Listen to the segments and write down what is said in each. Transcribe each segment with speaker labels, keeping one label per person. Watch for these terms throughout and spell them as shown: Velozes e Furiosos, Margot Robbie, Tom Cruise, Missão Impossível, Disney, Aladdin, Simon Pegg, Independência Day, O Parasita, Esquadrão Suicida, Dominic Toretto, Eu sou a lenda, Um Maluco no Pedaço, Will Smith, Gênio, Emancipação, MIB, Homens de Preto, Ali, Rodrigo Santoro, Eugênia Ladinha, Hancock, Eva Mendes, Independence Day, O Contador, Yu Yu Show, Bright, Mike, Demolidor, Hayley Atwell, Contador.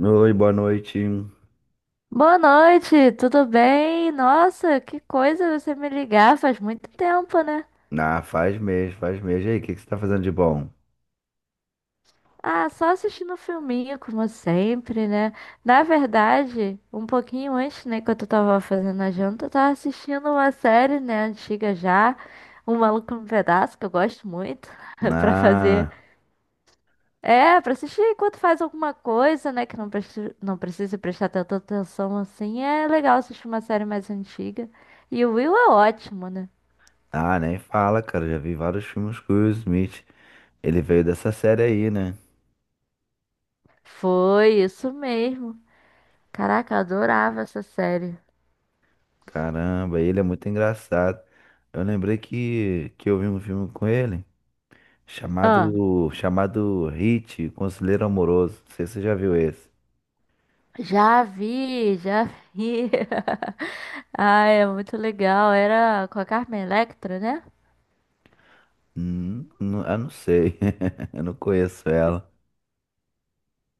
Speaker 1: Oi, boa noite.
Speaker 2: Boa noite, tudo bem? Nossa, que coisa você me ligar, faz muito tempo, né?
Speaker 1: Ah, faz mês, faz mês. E aí, o que que você tá fazendo de bom?
Speaker 2: Ah, só assistindo um filminho, como sempre, né? Na verdade, um pouquinho antes, né, quando eu tava fazendo a janta, eu tava assistindo uma série, né, antiga já, Um Maluco no Pedaço, que eu gosto muito, pra fazer.
Speaker 1: Ah,
Speaker 2: É, pra assistir enquanto faz alguma coisa, né, que não precisa prestar tanta atenção assim, é legal assistir uma série mais antiga. E o Will é ótimo, né?
Speaker 1: ah, nem fala, cara. Já vi vários filmes com o Will Smith. Ele veio dessa série aí, né?
Speaker 2: Foi isso mesmo. Caraca, eu adorava essa série.
Speaker 1: Caramba, ele é muito engraçado. Eu lembrei que eu vi um filme com ele
Speaker 2: Ah,
Speaker 1: chamado Hit, Conselheiro Amoroso. Não sei se você já viu esse.
Speaker 2: já vi, já vi. Ah, é muito legal. Era com a Carmen Electra, né?
Speaker 1: Não, eu não sei. Eu não conheço ela.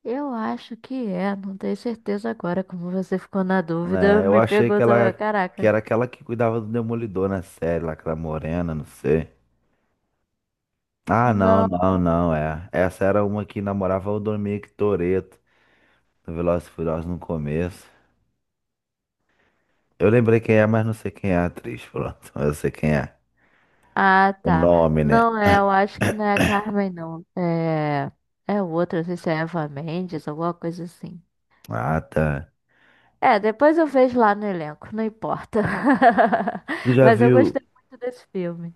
Speaker 2: Eu acho que é, não tenho certeza agora. Como você ficou na dúvida,
Speaker 1: É, eu
Speaker 2: me
Speaker 1: achei que
Speaker 2: pegou também.
Speaker 1: ela que
Speaker 2: Caraca.
Speaker 1: era aquela que cuidava do Demolidor na série, lá, aquela morena, não sei. Ah, não,
Speaker 2: Não.
Speaker 1: não, não, é. Essa era uma que namorava o Dominic Toretto, do Velozes e Furiosos no começo. Eu lembrei quem é, mas não sei quem é a atriz, pronto. Eu sei quem é.
Speaker 2: Ah,
Speaker 1: O
Speaker 2: tá.
Speaker 1: nome, né?
Speaker 2: Não é, eu acho que não é a Carmen, não. É. É outra, não sei se é Eva Mendes, alguma coisa assim.
Speaker 1: Ah, tá.
Speaker 2: É, depois eu vejo lá no elenco, não importa.
Speaker 1: Tu já
Speaker 2: Mas eu gostei
Speaker 1: viu...
Speaker 2: muito desse filme.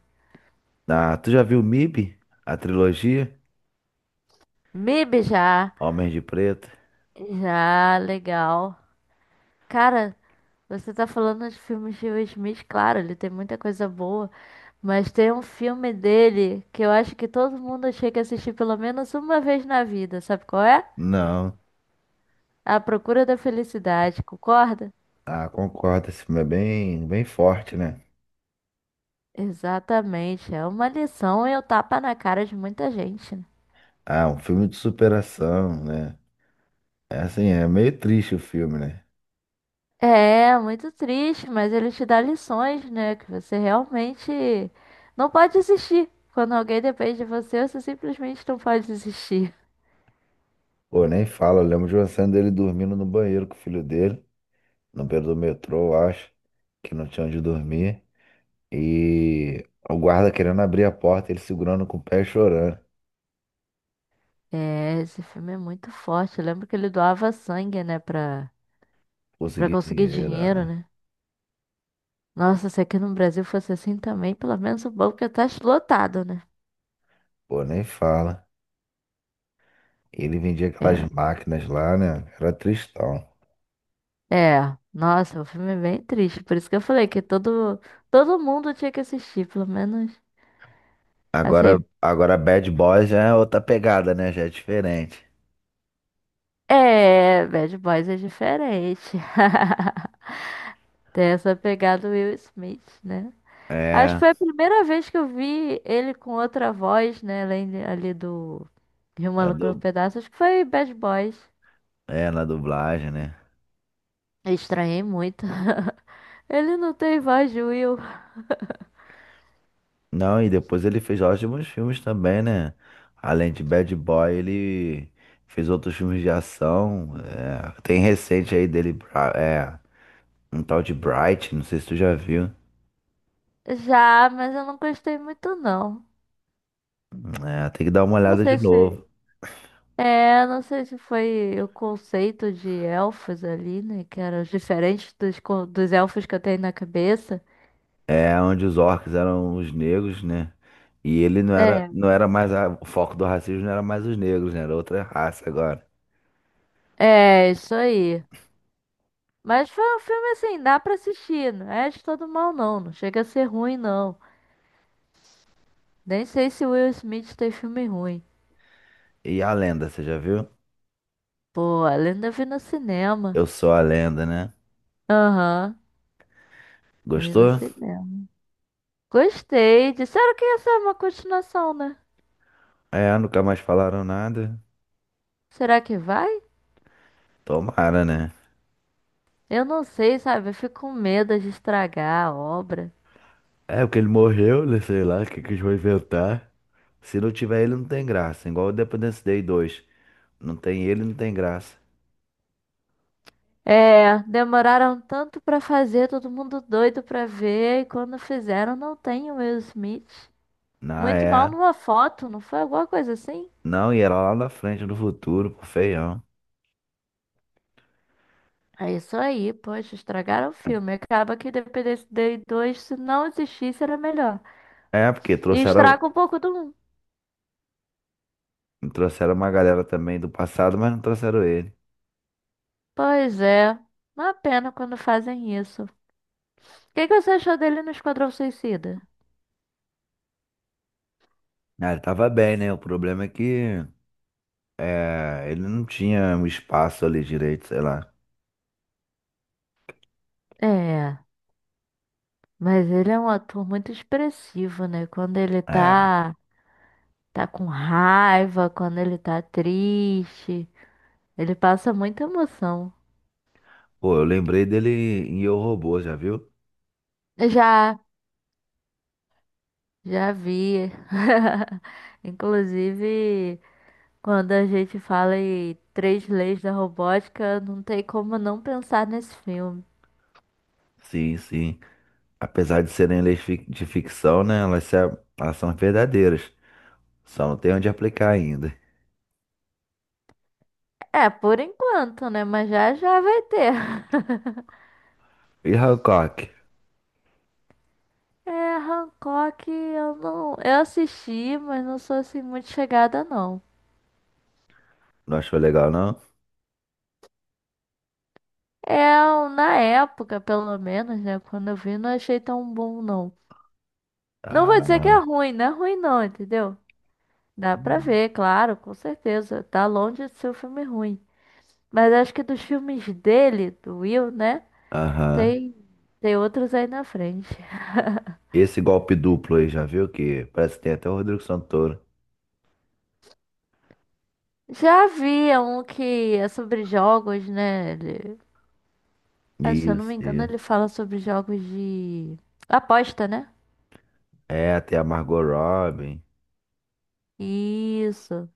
Speaker 1: Ah, tu já viu MIB? A trilogia?
Speaker 2: MIB já,
Speaker 1: Homens de Preto?
Speaker 2: já, legal. Cara, você tá falando de filmes de Will Smith, claro, ele tem muita coisa boa, mas tem um filme dele que eu acho que todo mundo chega a assistir pelo menos uma vez na vida, sabe qual é?
Speaker 1: Não.
Speaker 2: A Procura da Felicidade, concorda?
Speaker 1: Ah, concordo. Esse filme é bem, bem forte, né?
Speaker 2: Exatamente, é uma lição e o tapa na cara de muita gente, né?
Speaker 1: Ah, um filme de superação, né? É assim, é meio triste o filme, né?
Speaker 2: É, muito triste, mas ele te dá lições, né? Que você realmente não pode desistir. Quando alguém depende de você, você simplesmente não pode desistir.
Speaker 1: Pô, nem fala, eu lembro de uma cena dele dormindo no banheiro com o filho dele, no beiro do metrô, eu acho, que não tinha onde dormir. E o guarda querendo abrir a porta, ele segurando com o pé e chorando.
Speaker 2: É, esse filme é muito forte. Eu lembro que ele doava sangue, né, pra
Speaker 1: Conseguir
Speaker 2: conseguir
Speaker 1: dinheiro,
Speaker 2: dinheiro,
Speaker 1: ah.
Speaker 2: né? Nossa, se aqui no Brasil fosse assim também, pelo menos o banco ia estar lotado, né?
Speaker 1: Pô, nem fala. Ele vendia aquelas
Speaker 2: É,
Speaker 1: máquinas lá, né? Era tristão.
Speaker 2: é. Nossa, o filme é bem triste. Por isso que eu falei que todo mundo tinha que assistir, pelo menos.
Speaker 1: Agora,
Speaker 2: Assim,
Speaker 1: agora Bad Boys já é outra pegada, né? Já é diferente.
Speaker 2: é, Bad Boys é diferente. Tem essa pegada do Will Smith, né? Acho que
Speaker 1: É,
Speaker 2: foi a primeira vez que eu vi ele com outra voz, né? Ali do de uma
Speaker 1: na,
Speaker 2: Loucura um
Speaker 1: du...
Speaker 2: Pedaço. Acho que foi Bad Boys.
Speaker 1: é, na dublagem, né?
Speaker 2: Eu estranhei muito. Ele não tem voz de Will.
Speaker 1: Não, e depois ele fez ótimos filmes também, né? Além de Bad Boy, ele fez outros filmes de ação. É, tem recente aí dele, Bra- é, um tal de Bright, não sei se tu já viu.
Speaker 2: Já, mas eu não gostei muito, não.
Speaker 1: É, tem que dar uma
Speaker 2: Não
Speaker 1: olhada de
Speaker 2: sei
Speaker 1: novo.
Speaker 2: se. É, não sei se foi o conceito de elfos ali, né? Que eram diferentes dos elfos que eu tenho na cabeça.
Speaker 1: É onde os orcs eram os negros, né? E ele não era,
Speaker 2: É.
Speaker 1: o foco do racismo não era mais os negros, né? Era outra raça agora.
Speaker 2: É, isso aí. Mas foi um filme assim, dá pra assistir. Não é de todo mal, não. Não chega a ser ruim, não. Nem sei se Will Smith tem filme ruim.
Speaker 1: E a lenda, você já viu?
Speaker 2: Pô, eu ainda vi no cinema.
Speaker 1: Eu sou a lenda, né?
Speaker 2: Aham, vi no
Speaker 1: Gostou?
Speaker 2: cinema. Gostei. Disseram que ia ser uma continuação, né?
Speaker 1: É, nunca mais falaram nada.
Speaker 2: Será que vai?
Speaker 1: Tomara, né?
Speaker 2: Eu não sei, sabe? Eu fico com medo de estragar a obra.
Speaker 1: É, porque ele morreu, né, sei lá, o que que eles vão inventar. Se não tiver ele, não tem graça. Igual o Independence Day 2. Não tem ele, não tem graça.
Speaker 2: É, demoraram tanto pra fazer, todo mundo doido pra ver, e quando fizeram não tem o Will Smith.
Speaker 1: Não,
Speaker 2: Muito
Speaker 1: é.
Speaker 2: mal numa foto, não foi alguma coisa assim?
Speaker 1: Não, e era lá na frente, no futuro, pô, feião.
Speaker 2: É isso aí, poxa, estragaram o filme. Acaba que Independência Day 2 se não existisse, era melhor.
Speaker 1: É, porque
Speaker 2: E estraga
Speaker 1: trouxeram,
Speaker 2: um pouco do 1.
Speaker 1: trouxeram uma galera também do passado, mas não trouxeram ele.
Speaker 2: Pois é, uma pena quando fazem isso. O que que você achou dele no Esquadrão Suicida?
Speaker 1: Ah, ele tava bem, né? O problema é que é, ele não tinha um espaço ali direito, sei lá.
Speaker 2: É, mas ele é um ator muito expressivo, né? Quando ele
Speaker 1: É.
Speaker 2: tá com raiva, quando ele tá triste, ele passa muita emoção.
Speaker 1: Pô, eu lembrei dele em Eu, Robô, já viu?
Speaker 2: Já, já vi. Inclusive, quando a gente fala em três leis da robótica, não tem como não pensar nesse filme.
Speaker 1: Sim, sim. Apesar de serem leis fic- de ficção, né? Elas, se a- elas são verdadeiras. Só não tem onde aplicar ainda.
Speaker 2: É, por enquanto, né? Mas já já vai ter.
Speaker 1: E Hancock?
Speaker 2: É, Hancock, eu não, eu assisti, mas não sou assim muito chegada não.
Speaker 1: Não achou legal, não?
Speaker 2: É, eu, na época, pelo menos, né, quando eu vi, não achei tão bom não. Não vou dizer que
Speaker 1: Ah,
Speaker 2: é ruim não, entendeu? Dá pra
Speaker 1: hum,
Speaker 2: ver, claro, com certeza. Tá longe de ser um filme ruim. Mas acho que dos filmes dele, do Will, né?
Speaker 1: aham.
Speaker 2: Tem, tem outros aí na frente.
Speaker 1: Esse golpe duplo aí, já viu? Que parece que tem até o Rodrigo Santoro.
Speaker 2: Já havia um que é sobre jogos, né? Ah, se eu não
Speaker 1: Isso,
Speaker 2: me engano,
Speaker 1: isso.
Speaker 2: ele fala sobre jogos de aposta, né?
Speaker 1: É, até a Margot Robbie.
Speaker 2: Isso,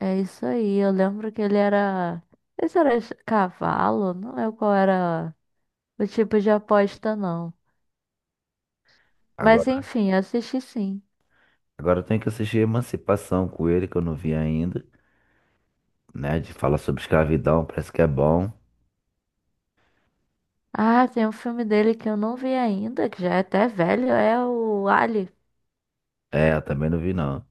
Speaker 2: é isso aí. Eu lembro que ele era. Esse era cavalo, não lembro qual era o tipo de aposta, não. Mas
Speaker 1: Agora,
Speaker 2: enfim, eu assisti sim.
Speaker 1: agora eu tenho que assistir Emancipação com ele, que eu não vi ainda. Né? De falar sobre escravidão, parece que é bom.
Speaker 2: Ah, tem um filme dele que eu não vi ainda, que já é até velho, é o Ali.
Speaker 1: É, eu também não vi, não.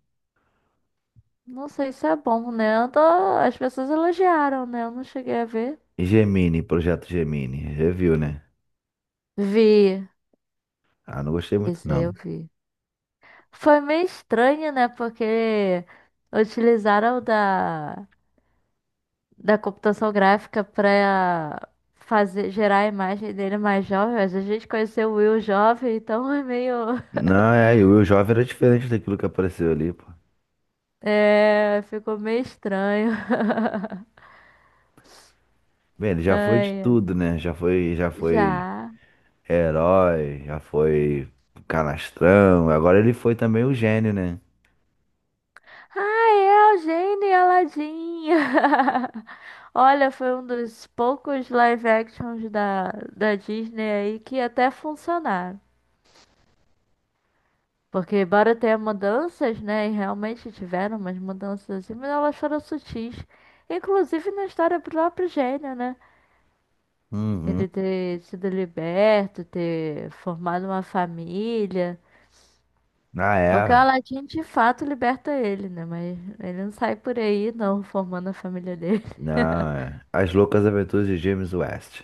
Speaker 2: Não sei se é bom, né? As pessoas elogiaram, né? Eu não cheguei a ver.
Speaker 1: E Gemini, Projeto Gemini. Reviu, né?
Speaker 2: Vi.
Speaker 1: Ah, não gostei muito,
Speaker 2: Esse aí eu
Speaker 1: não.
Speaker 2: vi. Foi meio estranho, né? Porque utilizaram da computação gráfica pra gerar a imagem dele mais jovem. Mas a gente conheceu o Will jovem, então é meio.
Speaker 1: Não, é, e o jovem era diferente daquilo que apareceu ali, pô.
Speaker 2: É, ficou meio estranho.
Speaker 1: Bem, ele já foi de
Speaker 2: Ai,
Speaker 1: tudo, né? Já foi
Speaker 2: já.
Speaker 1: herói, já foi canastrão. Agora ele foi também o gênio, né?
Speaker 2: Ah, é a Eugênia Ladinha. Olha, foi um dos poucos live actions da Disney aí que até funcionaram. Porque embora tenha mudanças, né? E realmente tiveram umas mudanças assim, mas elas foram sutis. Inclusive na história do próprio Gênio, né?
Speaker 1: Uhum.
Speaker 2: Ele ter sido liberto, ter formado uma família.
Speaker 1: Ah,
Speaker 2: Porque o
Speaker 1: é.
Speaker 2: Aladdin de fato liberta ele, né? Mas ele não sai por aí não formando a família dele.
Speaker 1: Não, é. As Loucas Aventuras de James West.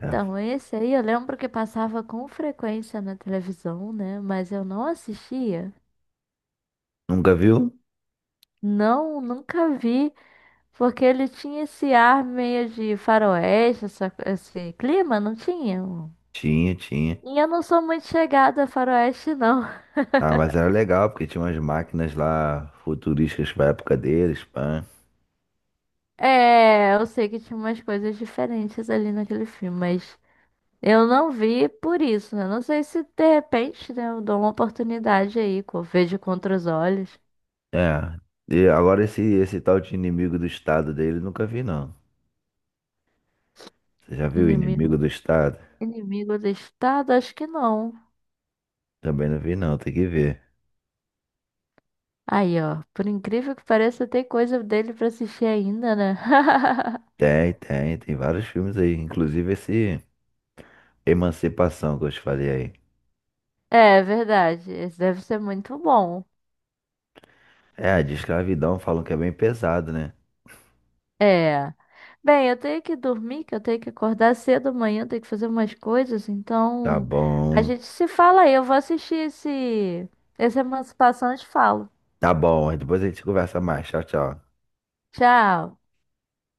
Speaker 1: É.
Speaker 2: esse aí eu lembro que passava com frequência na televisão, né? Mas eu não assistia.
Speaker 1: Nunca viu?
Speaker 2: Não, nunca vi, porque ele tinha esse ar meio de faroeste, esse clima, não tinha?
Speaker 1: Tinha, tinha.
Speaker 2: E eu não sou muito chegada a faroeste, não.
Speaker 1: Ah, mas era legal, porque tinha umas máquinas lá futurísticas pra época deles, pã.
Speaker 2: É, eu sei que tinha umas coisas diferentes ali naquele filme, mas eu não vi por isso, né? Não sei se de repente, né, eu dou uma oportunidade aí, vejo contra os olhos,
Speaker 1: É. E agora esse, esse tal de inimigo do estado dele, nunca vi, não. Você já viu
Speaker 2: inimigo.
Speaker 1: Inimigo do Estado?
Speaker 2: Inimigo listado? Acho que não.
Speaker 1: Também não vi não, tem que ver.
Speaker 2: Aí, ó. Por incrível que pareça, tem coisa dele pra assistir ainda, né?
Speaker 1: Tem, tem, tem vários filmes aí, inclusive esse Emancipação que eu te falei aí.
Speaker 2: É verdade. Esse deve ser muito bom.
Speaker 1: É, de escravidão falam que é bem pesado, né?
Speaker 2: É. Bem, eu tenho que dormir, que eu tenho que acordar cedo amanhã, eu tenho que fazer umas coisas.
Speaker 1: Tá
Speaker 2: Então, a
Speaker 1: bom.
Speaker 2: gente se fala aí. Eu vou assistir esse Emancipação e te falo.
Speaker 1: Tá bom, depois a gente conversa mais. Tchau, tchau.
Speaker 2: Tchau.